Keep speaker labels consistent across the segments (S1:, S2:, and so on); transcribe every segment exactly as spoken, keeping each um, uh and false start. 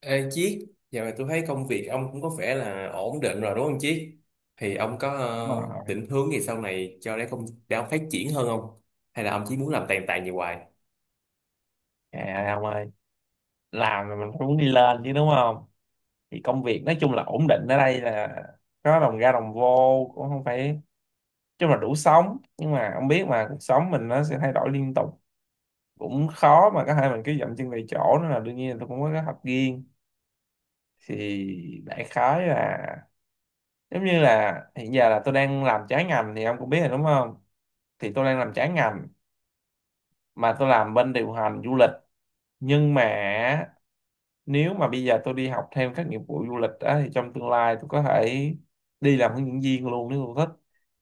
S1: Ê Chiết, giờ này tôi thấy công việc ông cũng có vẻ là ổn định rồi đúng không Chiết? Thì ông có
S2: Đúng
S1: ờ,
S2: rồi.
S1: định hướng gì sau này cho để công để ông phát triển hơn không? Hay là ông chỉ muốn làm tàn tàn như hoài?
S2: trời ông ơi, làm mà mình cũng muốn đi lên chứ, đúng không? Thì công việc nói chung là ổn định, ở đây là có đồng ra đồng vô, cũng không phải, nói chung là đủ sống. Nhưng mà ông biết mà, cuộc sống mình nó sẽ thay đổi liên tục, cũng khó mà có thể mình cứ dậm chân tại chỗ, nên là đương nhiên là tôi cũng có kế hoạch riêng. Thì đại khái là giống như là hiện giờ là tôi đang làm trái ngành, thì ông cũng biết rồi đúng không? Thì tôi đang làm trái ngành, mà tôi làm bên điều hành du lịch. Nhưng mà nếu mà bây giờ tôi đi học thêm các nghiệp vụ du lịch á, thì trong tương lai tôi có thể đi làm hướng dẫn viên luôn, nếu tôi thích.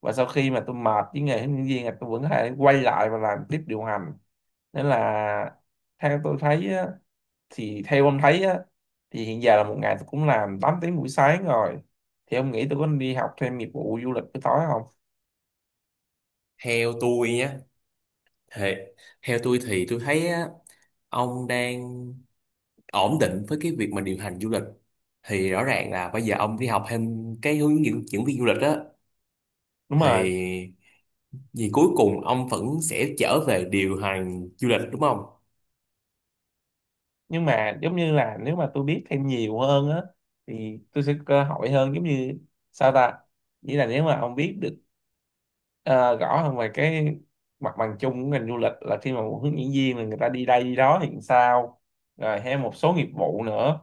S2: Và sau khi mà tôi mệt với nghề hướng dẫn viên là tôi vẫn có thể quay lại và làm tiếp điều hành. Nên là theo tôi thấy á, thì theo ông thấy á, thì hiện giờ là một ngày tôi cũng làm tám tiếng buổi sáng rồi, thì ông nghĩ tôi có nên đi học thêm nghiệp vụ du lịch buổi tối không?
S1: Theo tôi nhé, thì theo tôi thì tôi thấy á, ông đang ổn định với cái việc mà điều hành du lịch. Thì rõ ràng là bây giờ ông đi học thêm cái hướng dẫn dẫn viên du lịch á,
S2: Đúng rồi.
S1: thì vì cuối cùng ông vẫn sẽ trở về điều hành du lịch đúng không?
S2: Nhưng mà giống như là nếu mà tôi biết thêm nhiều hơn á, thì tôi sẽ có cơ hội hơn. Giống như sao ta, nghĩa là nếu mà ông biết được ờ, rõ hơn về cái mặt bằng chung của ngành du lịch, là khi mà một hướng dẫn viên là người ta đi đây đi đó thì sao, rồi hay một số nghiệp vụ nữa,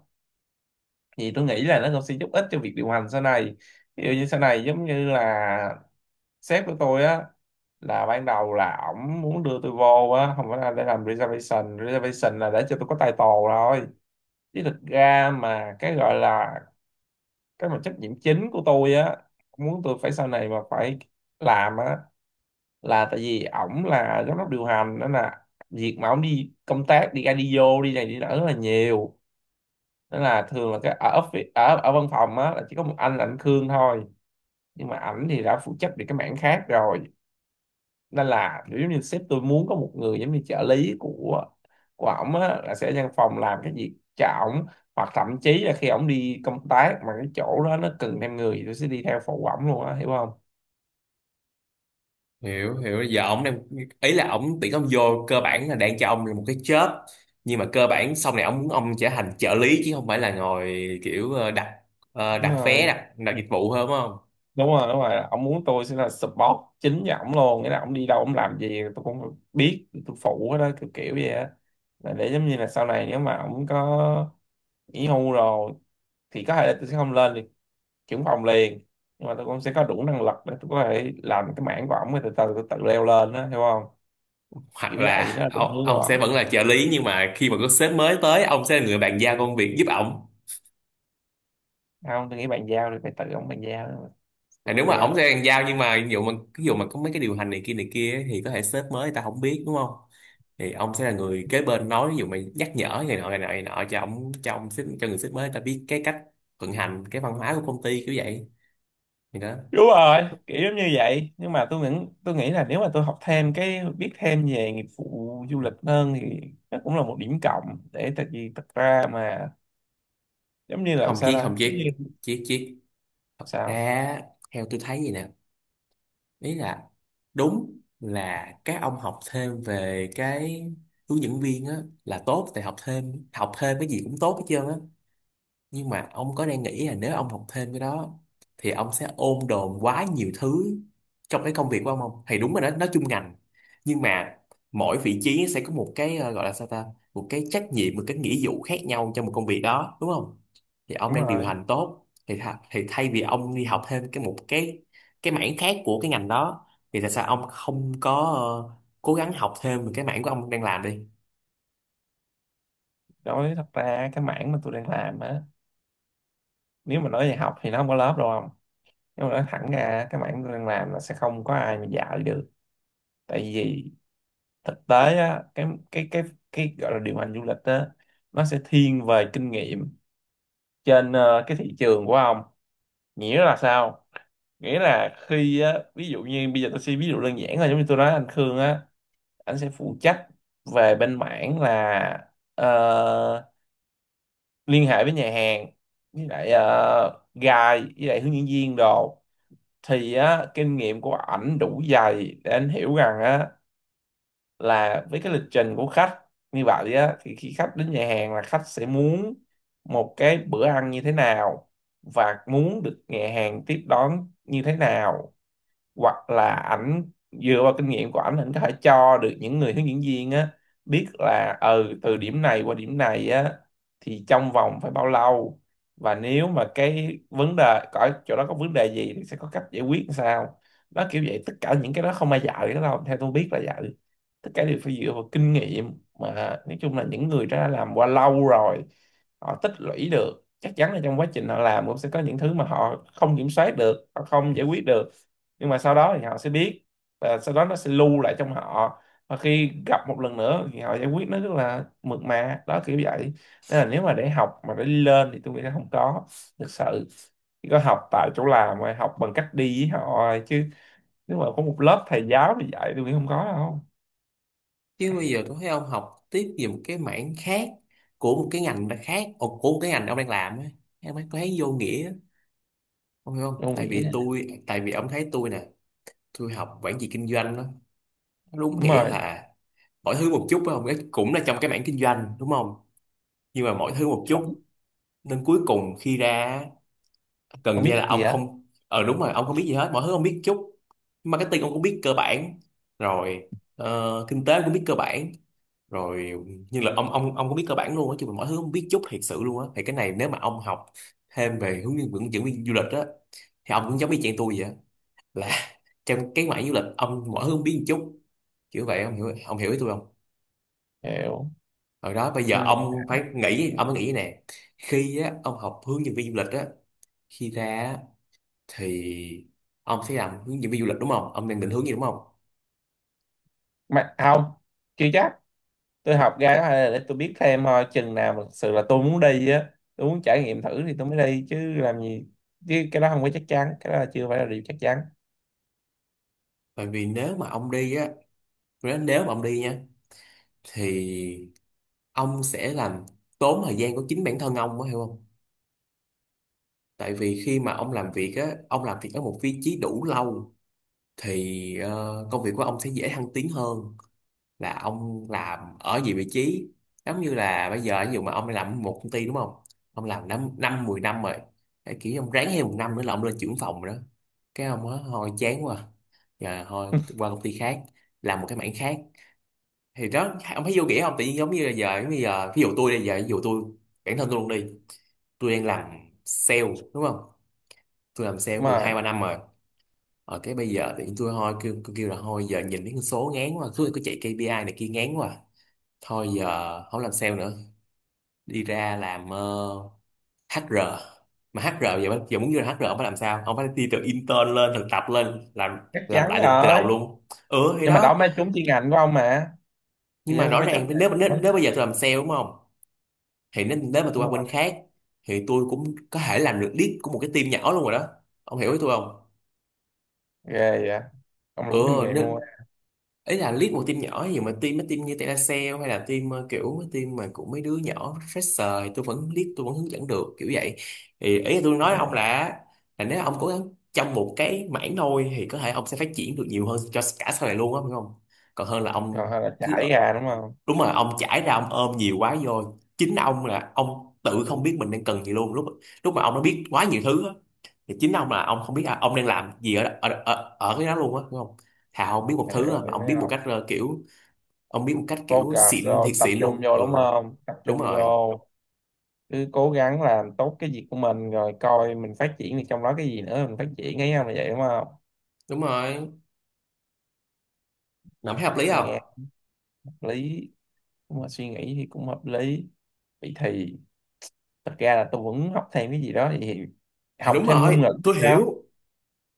S2: thì tôi nghĩ là nó cũng sẽ giúp ích cho việc điều hành sau này. Ví dụ như sau này giống như là sếp của tôi á, là ban đầu là ổng muốn đưa tôi vô á, không phải là để làm reservation. Reservation là để cho tôi có title rồi, chứ thực ra mà cái gọi là cái mà trách nhiệm chính của tôi á, muốn tôi phải sau này mà phải làm á, là tại vì ổng là giám đốc điều hành, nên là việc mà ổng đi công tác, đi ra đi vô đi này đi nọ rất là nhiều, nên là thường là cái ở office, ở ở văn phòng á là chỉ có một anh là anh Khương thôi. Nhưng mà ảnh thì đã phụ trách về cái mảng khác rồi, nên là kiểu giống như sếp tôi muốn có một người giống như trợ lý của của ổng á, là sẽ ở văn phòng làm cái việc cho ổng, hoặc thậm chí là khi ổng đi công tác mà cái chỗ đó nó cần thêm người thì tôi sẽ đi theo phụ ổng luôn á, hiểu không?
S1: Hiểu hiểu Giờ ông đang ý là ông tuyển ông vô cơ bản là đang cho ông một cái job, nhưng mà cơ bản sau này ông muốn ông trở thành trợ lý chứ không phải là ngồi kiểu ờ, đặt ờ,
S2: Đúng
S1: đặt vé
S2: rồi,
S1: đặt đặt dịch vụ hơn đúng không?
S2: đúng rồi, đúng rồi. Ông muốn tôi sẽ là support chính cho ổng luôn, nghĩa là ổng đi đâu ổng làm gì tôi cũng biết, tôi phụ hết đó, kiểu kiểu vậy á. Là để giống như là sau này nếu mà ổng có nghỉ hưu rồi, thì có thể là tôi sẽ không lên được trưởng phòng liền, nhưng mà tôi cũng sẽ có đủ năng lực để tôi có thể làm cái mảng của ổng, rồi từ từ tôi tự leo lên đó, hiểu không?
S1: Hoặc
S2: Kiểu vậy
S1: là
S2: đó là định
S1: ông,
S2: hướng của
S1: ông sẽ
S2: ổng.
S1: vẫn là trợ lý nhưng mà khi mà có sếp mới tới ông sẽ là người bàn giao công việc giúp ổng.
S2: Không, tôi nghĩ bàn giao thì phải tự ổng bàn giao đó,
S1: Thì
S2: tôi
S1: nếu
S2: bàn
S1: mà
S2: giao.
S1: ổng sẽ hàng giao, nhưng mà ví dụ mà ví dụ mà có mấy cái điều hành này kia này kia ấy, thì có thể sếp mới người ta không biết đúng không? Thì ông sẽ là người kế bên nói ví dụ mà nhắc nhở này nọ này nọ này nọ cho ông cho ông sếp cho người sếp mới người ta biết cái cách vận hành cái văn hóa của công ty kiểu vậy. Thì đó,
S2: Đúng rồi, kiểu giống như vậy. Nhưng mà tôi nghĩ tôi nghĩ là nếu mà tôi học thêm cái, biết thêm về nghiệp vụ du lịch hơn, thì nó cũng là một điểm cộng để, tại vì thật ra mà, giống như làm
S1: không
S2: sao
S1: chiếc không
S2: ta, giống như
S1: chiếc chiếc chiếc
S2: sao?
S1: Ra theo tôi thấy gì nè, ý là đúng là các ông học thêm về cái hướng dẫn viên á là tốt, tại học thêm học thêm cái gì cũng tốt hết trơn á. Nhưng mà ông có đang nghĩ là nếu ông học thêm cái đó thì ông sẽ ôm đồm quá nhiều thứ trong cái công việc của ông không? Thì đúng rồi đó, nó chung ngành, nhưng mà mỗi vị trí sẽ có một cái ờ, gọi là sao ta, một cái trách nhiệm một cái nghĩa vụ khác nhau trong một công việc đó đúng không? Thì ông
S2: Đúng
S1: đang điều
S2: rồi.
S1: hành tốt thì tha, thì thay vì ông đi học thêm cái một cái cái mảng khác của cái ngành đó, thì tại sao ông không có ờ, cố gắng học thêm về cái mảng của ông đang làm đi?
S2: Đối với, thật ra cái mảng mà tôi đang làm á, nếu mà nói về học thì nó không có lớp đâu, không. Nhưng mà nói thẳng ra cái mảng tôi đang làm là sẽ không có ai mà dạy được, tại vì thực tế á, cái cái cái cái gọi là điều hành du lịch á, nó sẽ thiên về kinh nghiệm trên ờ, cái thị trường của ông. Nghĩa là sao? Nghĩa là khi á, ví dụ như bây giờ tôi sẽ ví dụ đơn giản, là giống như tôi nói anh Khương á, anh sẽ phụ trách về bên mảng là ờ, liên hệ với nhà hàng, với lại ờ, guide, với lại hướng dẫn viên đồ, thì á, kinh nghiệm của ảnh đủ dày để anh hiểu rằng á, là với cái lịch trình của khách như vậy á, thì khi khách đến nhà hàng là khách sẽ muốn một cái bữa ăn như thế nào và muốn được nhà hàng tiếp đón như thế nào. Hoặc là ảnh dựa vào kinh nghiệm của ảnh, ảnh có thể cho được những người hướng dẫn viên á biết là, ừ, từ điểm này qua điểm này á thì trong vòng phải bao lâu, và nếu mà cái vấn đề có chỗ đó có vấn đề gì thì sẽ có cách giải quyết làm sao. Đó kiểu vậy, tất cả những cái đó không ai dạy cái đó đâu, theo tôi biết là dạy, tất cả đều phải dựa vào kinh nghiệm mà. Nói chung là những người đã làm qua lâu rồi, họ tích lũy được, chắc chắn là trong quá trình họ làm cũng sẽ có những thứ mà họ không kiểm soát được, họ không giải quyết được, nhưng mà sau đó thì họ sẽ biết, và sau đó nó sẽ lưu lại trong họ, và khi gặp một lần nữa thì họ giải quyết nó rất là mượt mà, đó kiểu vậy. Nên là nếu mà để học mà để đi lên thì tôi nghĩ nó không có thực sự, chỉ có học tại chỗ làm, rồi học bằng cách đi với họ rồi, chứ nếu mà có một lớp thầy giáo thì dạy, tôi nghĩ không có đâu.
S1: Chứ bây giờ tôi thấy ông học tiếp về một cái mảng khác của một cái ngành đã khác ồ, của một cái ngành ông đang làm á, em ấy có thấy vô nghĩa á. Ông hiểu không,
S2: Tôi không
S1: tại
S2: nghĩ.
S1: vì tôi tại vì ông thấy tôi nè, tôi học quản trị kinh doanh đó, nó đúng
S2: Đúng
S1: nghĩa
S2: rồi.
S1: là mọi thứ một chút phải không? Cái cũng là trong cái mảng kinh doanh đúng không, nhưng mà mọi thứ một chút, nên cuối cùng khi ra gần
S2: Không
S1: như là
S2: biết gì
S1: ông
S2: hết.
S1: không ờ đúng rồi ông không biết gì hết, mọi thứ ông biết chút. Marketing ông cũng biết cơ bản rồi, ờ, kinh tế cũng biết cơ bản rồi, nhưng là ông ông ông có biết cơ bản luôn á chứ mà mọi thứ không biết chút thiệt sự luôn á, thì cái này nếu mà ông học thêm về hướng dẫn dẫn viên du lịch á thì ông cũng giống y chang tôi vậy á, là trong cái mảng du lịch ông mọi thứ không biết một chút, kiểu vậy. Ông hiểu ông hiểu ý tôi không?
S2: Hiểu.
S1: Rồi đó, bây giờ
S2: Nhưng mà
S1: ông phải nghĩ ông phải nghĩ nè, khi á ông học hướng dẫn viên du lịch á, khi ra á, thì ông sẽ làm hướng dẫn viên du lịch đúng không, ông đang định hướng gì đúng không?
S2: mà không, chưa chắc. Tôi học ra đó là để tôi biết thêm thôi, chừng nào mà thực sự là tôi muốn đi á, tôi muốn trải nghiệm thử thì tôi mới đi, chứ làm gì, chứ cái đó không có chắc chắn, cái đó là chưa phải là điều chắc chắn.
S1: Bởi vì nếu mà ông đi á, nếu nếu mà ông đi nha, thì ông sẽ làm tốn thời gian của chính bản thân ông á hiểu không? Tại vì khi mà ông làm việc á, ông làm việc ở một vị trí đủ lâu thì ờ, công việc của ông sẽ dễ thăng tiến hơn là ông làm ở nhiều vị trí. Giống như là bây giờ ví dụ mà ông làm một công ty đúng không, ông làm năm năm mười năm rồi, cái kiểu ông ráng thêm một năm nữa là ông lên trưởng phòng rồi đó, cái ông á thôi chán quá, giờ thôi qua công ty khác làm một cái mảng khác, thì đó ông thấy vô nghĩa không? Tự nhiên giống như là giờ giống như giờ ví dụ tôi bây giờ ví dụ tôi bản thân tôi luôn đi, tôi đang làm sale đúng không, tôi làm sale
S2: Đúng
S1: cũng được
S2: rồi.
S1: hai ba năm rồi, ở cái bây giờ thì tôi thôi kêu, kêu, kêu là thôi giờ nhìn mấy con số ngán quá, cứ cứ chạy ca pê i này kia ngán quá, thôi giờ không làm sale nữa, đi ra làm ờ, hát e rờ, mà hát e rờ giờ, giờ muốn vô làm hát e rờ ông phải làm sao, ông phải đi từ intern lên thực tập lên làm
S2: Chắc
S1: làm
S2: chắn
S1: lại từ, từ đầu
S2: rồi.
S1: luôn. Ừ thì
S2: Nhưng mà đó
S1: đó,
S2: mới trúng chuyên ngành của ông mà.
S1: nhưng
S2: Thì
S1: mà
S2: ông cũng
S1: rõ
S2: phải chấp
S1: ràng
S2: nhận
S1: nếu nếu
S2: thôi.
S1: nếu bây giờ tôi làm sale đúng không, thì nếu, nếu mà tôi
S2: Đúng
S1: qua
S2: rồi.
S1: bên khác thì tôi cũng có thể làm được lead của một cái team nhỏ luôn rồi đó. Ông hiểu ý tôi không?
S2: Ghê vậy, ông
S1: Ừ,
S2: đủ kinh nghiệm luôn
S1: nên
S2: á.
S1: ý là lead một team nhỏ gì mà team mấy team như telesale hay là team ờ, kiểu mấy team mà của mấy đứa nhỏ fresher thì tôi vẫn lead tôi vẫn hướng dẫn được kiểu vậy. Thì ý là tôi nói ông
S2: Hiểu.
S1: là là nếu ông cố gắng trong một cái mảng thôi thì có thể ông sẽ phát triển được nhiều hơn cho cả sau này luôn á phải không, còn hơn là
S2: Còn
S1: ông
S2: hay là
S1: cứ,
S2: trải ra đúng không?
S1: đúng rồi, ông chải ra ông ôm nhiều quá vô chính ông là ông tự không biết mình đang cần gì luôn, lúc lúc mà ông đã biết quá nhiều thứ á, thì chính ông là ông không biết là ông đang làm gì ở ở ở, ở cái đó luôn á đúng không? Thà ông biết một
S2: Hiểu,
S1: thứ à, mà
S2: hiểu,
S1: ông
S2: thấy
S1: biết một
S2: không.
S1: cách ờ, kiểu, ông biết một cách kiểu
S2: Focus
S1: xịn
S2: vô,
S1: thiệt
S2: tập
S1: xịn
S2: trung
S1: luôn.
S2: vô
S1: Ừ,
S2: đúng không, tập
S1: đúng
S2: trung
S1: rồi
S2: vô, cứ cố gắng làm tốt cái việc của mình rồi coi mình phát triển thì trong đó cái gì nữa mình phát triển ấy, không là vậy đúng không?
S1: đúng rồi Làm thấy hợp lý
S2: Tôi nghe
S1: không?
S2: hợp lý. Nếu mà suy nghĩ thì cũng hợp lý. Vậy thì thật ra là tôi vẫn học thêm cái gì đó thì,
S1: Thì
S2: học
S1: đúng
S2: thêm ngôn
S1: rồi,
S2: ngữ thì
S1: tôi
S2: sao?
S1: hiểu.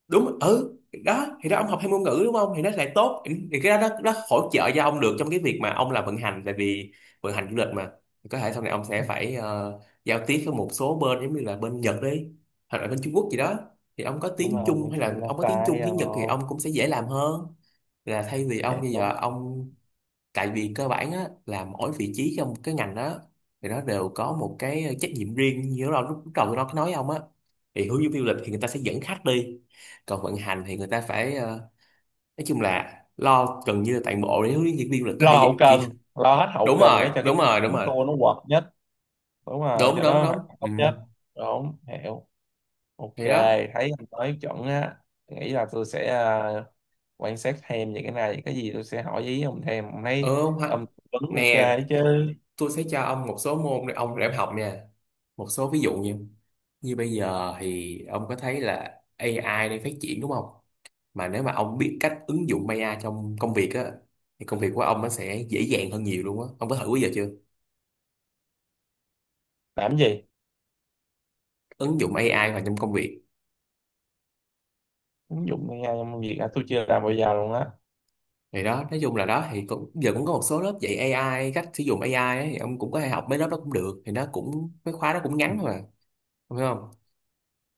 S1: Đúng, ừ, đó thì đó, ông học thêm ngôn ngữ đúng không thì nó lại tốt, thì cái đó nó, nó hỗ trợ cho ông được trong cái việc mà ông làm vận hành, tại vì vận hành du lịch mà, có thể sau này ông sẽ phải ờ, giao tiếp với một số bên giống như là bên Nhật đi, hoặc là bên Trung Quốc gì đó, thì ông có
S2: Đúng
S1: tiếng
S2: rồi
S1: Trung hay
S2: mình
S1: là
S2: là
S1: ông có tiếng Trung
S2: sai
S1: tiếng Nhật thì
S2: rồi.
S1: ông cũng sẽ dễ làm hơn là thay vì ông bây giờ
S2: Đúng.
S1: ông, tại vì cơ bản á, là mỗi vị trí trong cái ngành đó thì nó đều có một cái trách nhiệm riêng, như lúc đầu lúc đầu tôi nói cái nói ông á, thì hướng dẫn viên du lịch thì người ta sẽ dẫn khách đi, còn vận hành thì người ta phải ờ, nói chung là lo gần như là toàn bộ để hướng dẫn viên du lịch có
S2: Lo
S1: thể dẫn
S2: hậu
S1: chỉ.
S2: cần, lo hết hậu
S1: đúng
S2: cần
S1: rồi
S2: để cho cái
S1: đúng
S2: team
S1: rồi đúng
S2: chúng
S1: rồi
S2: tôi nó hoạt nhất. Đúng rồi,
S1: đúng
S2: cho
S1: đúng
S2: nó
S1: đúng
S2: hoạt động
S1: Ừ.
S2: tốt nhất. Đúng, hiểu. OK.
S1: Thì đó.
S2: Thấy anh nói chuẩn á, nghĩ là tôi sẽ à, quan sát thêm về cái này, cái gì tôi sẽ hỏi ý ông thêm. Ông thấy
S1: Ừ, hoặc-
S2: ông vẫn OK
S1: nè,
S2: chứ?
S1: tôi sẽ cho ông một số môn để ông để ông học nha. Một số ví dụ như, như bây giờ thì ông có thấy là a i đang phát triển đúng không, mà nếu mà ông biết cách ứng dụng a i trong công việc á thì công việc của ông nó sẽ dễ dàng hơn nhiều luôn á. Ông có thử bây giờ chưa,
S2: Làm gì?
S1: ứng dụng a i vào trong công việc?
S2: Ứng dụng a i trong việc à, tôi chưa làm bao giờ luôn á.
S1: Thì đó nói chung là đó, thì cũng, giờ cũng có một số lớp dạy a i cách sử dụng a i ấy, thì ông cũng có thể học mấy lớp đó cũng được, thì nó cũng mấy khóa đó cũng ngắn thôi mà. Ông hiểu không?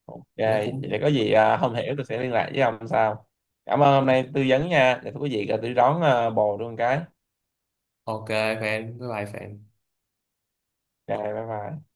S2: OK
S1: Nó
S2: vậy
S1: cũng
S2: để có gì à, không hiểu tôi sẽ liên lạc với ông sau. Cảm ơn hôm nay tư vấn nha, để thưa quý vị à, tôi đón à, bồ luôn cái.
S1: ok. Fan, bye bye fan.
S2: Rồi, bye bye.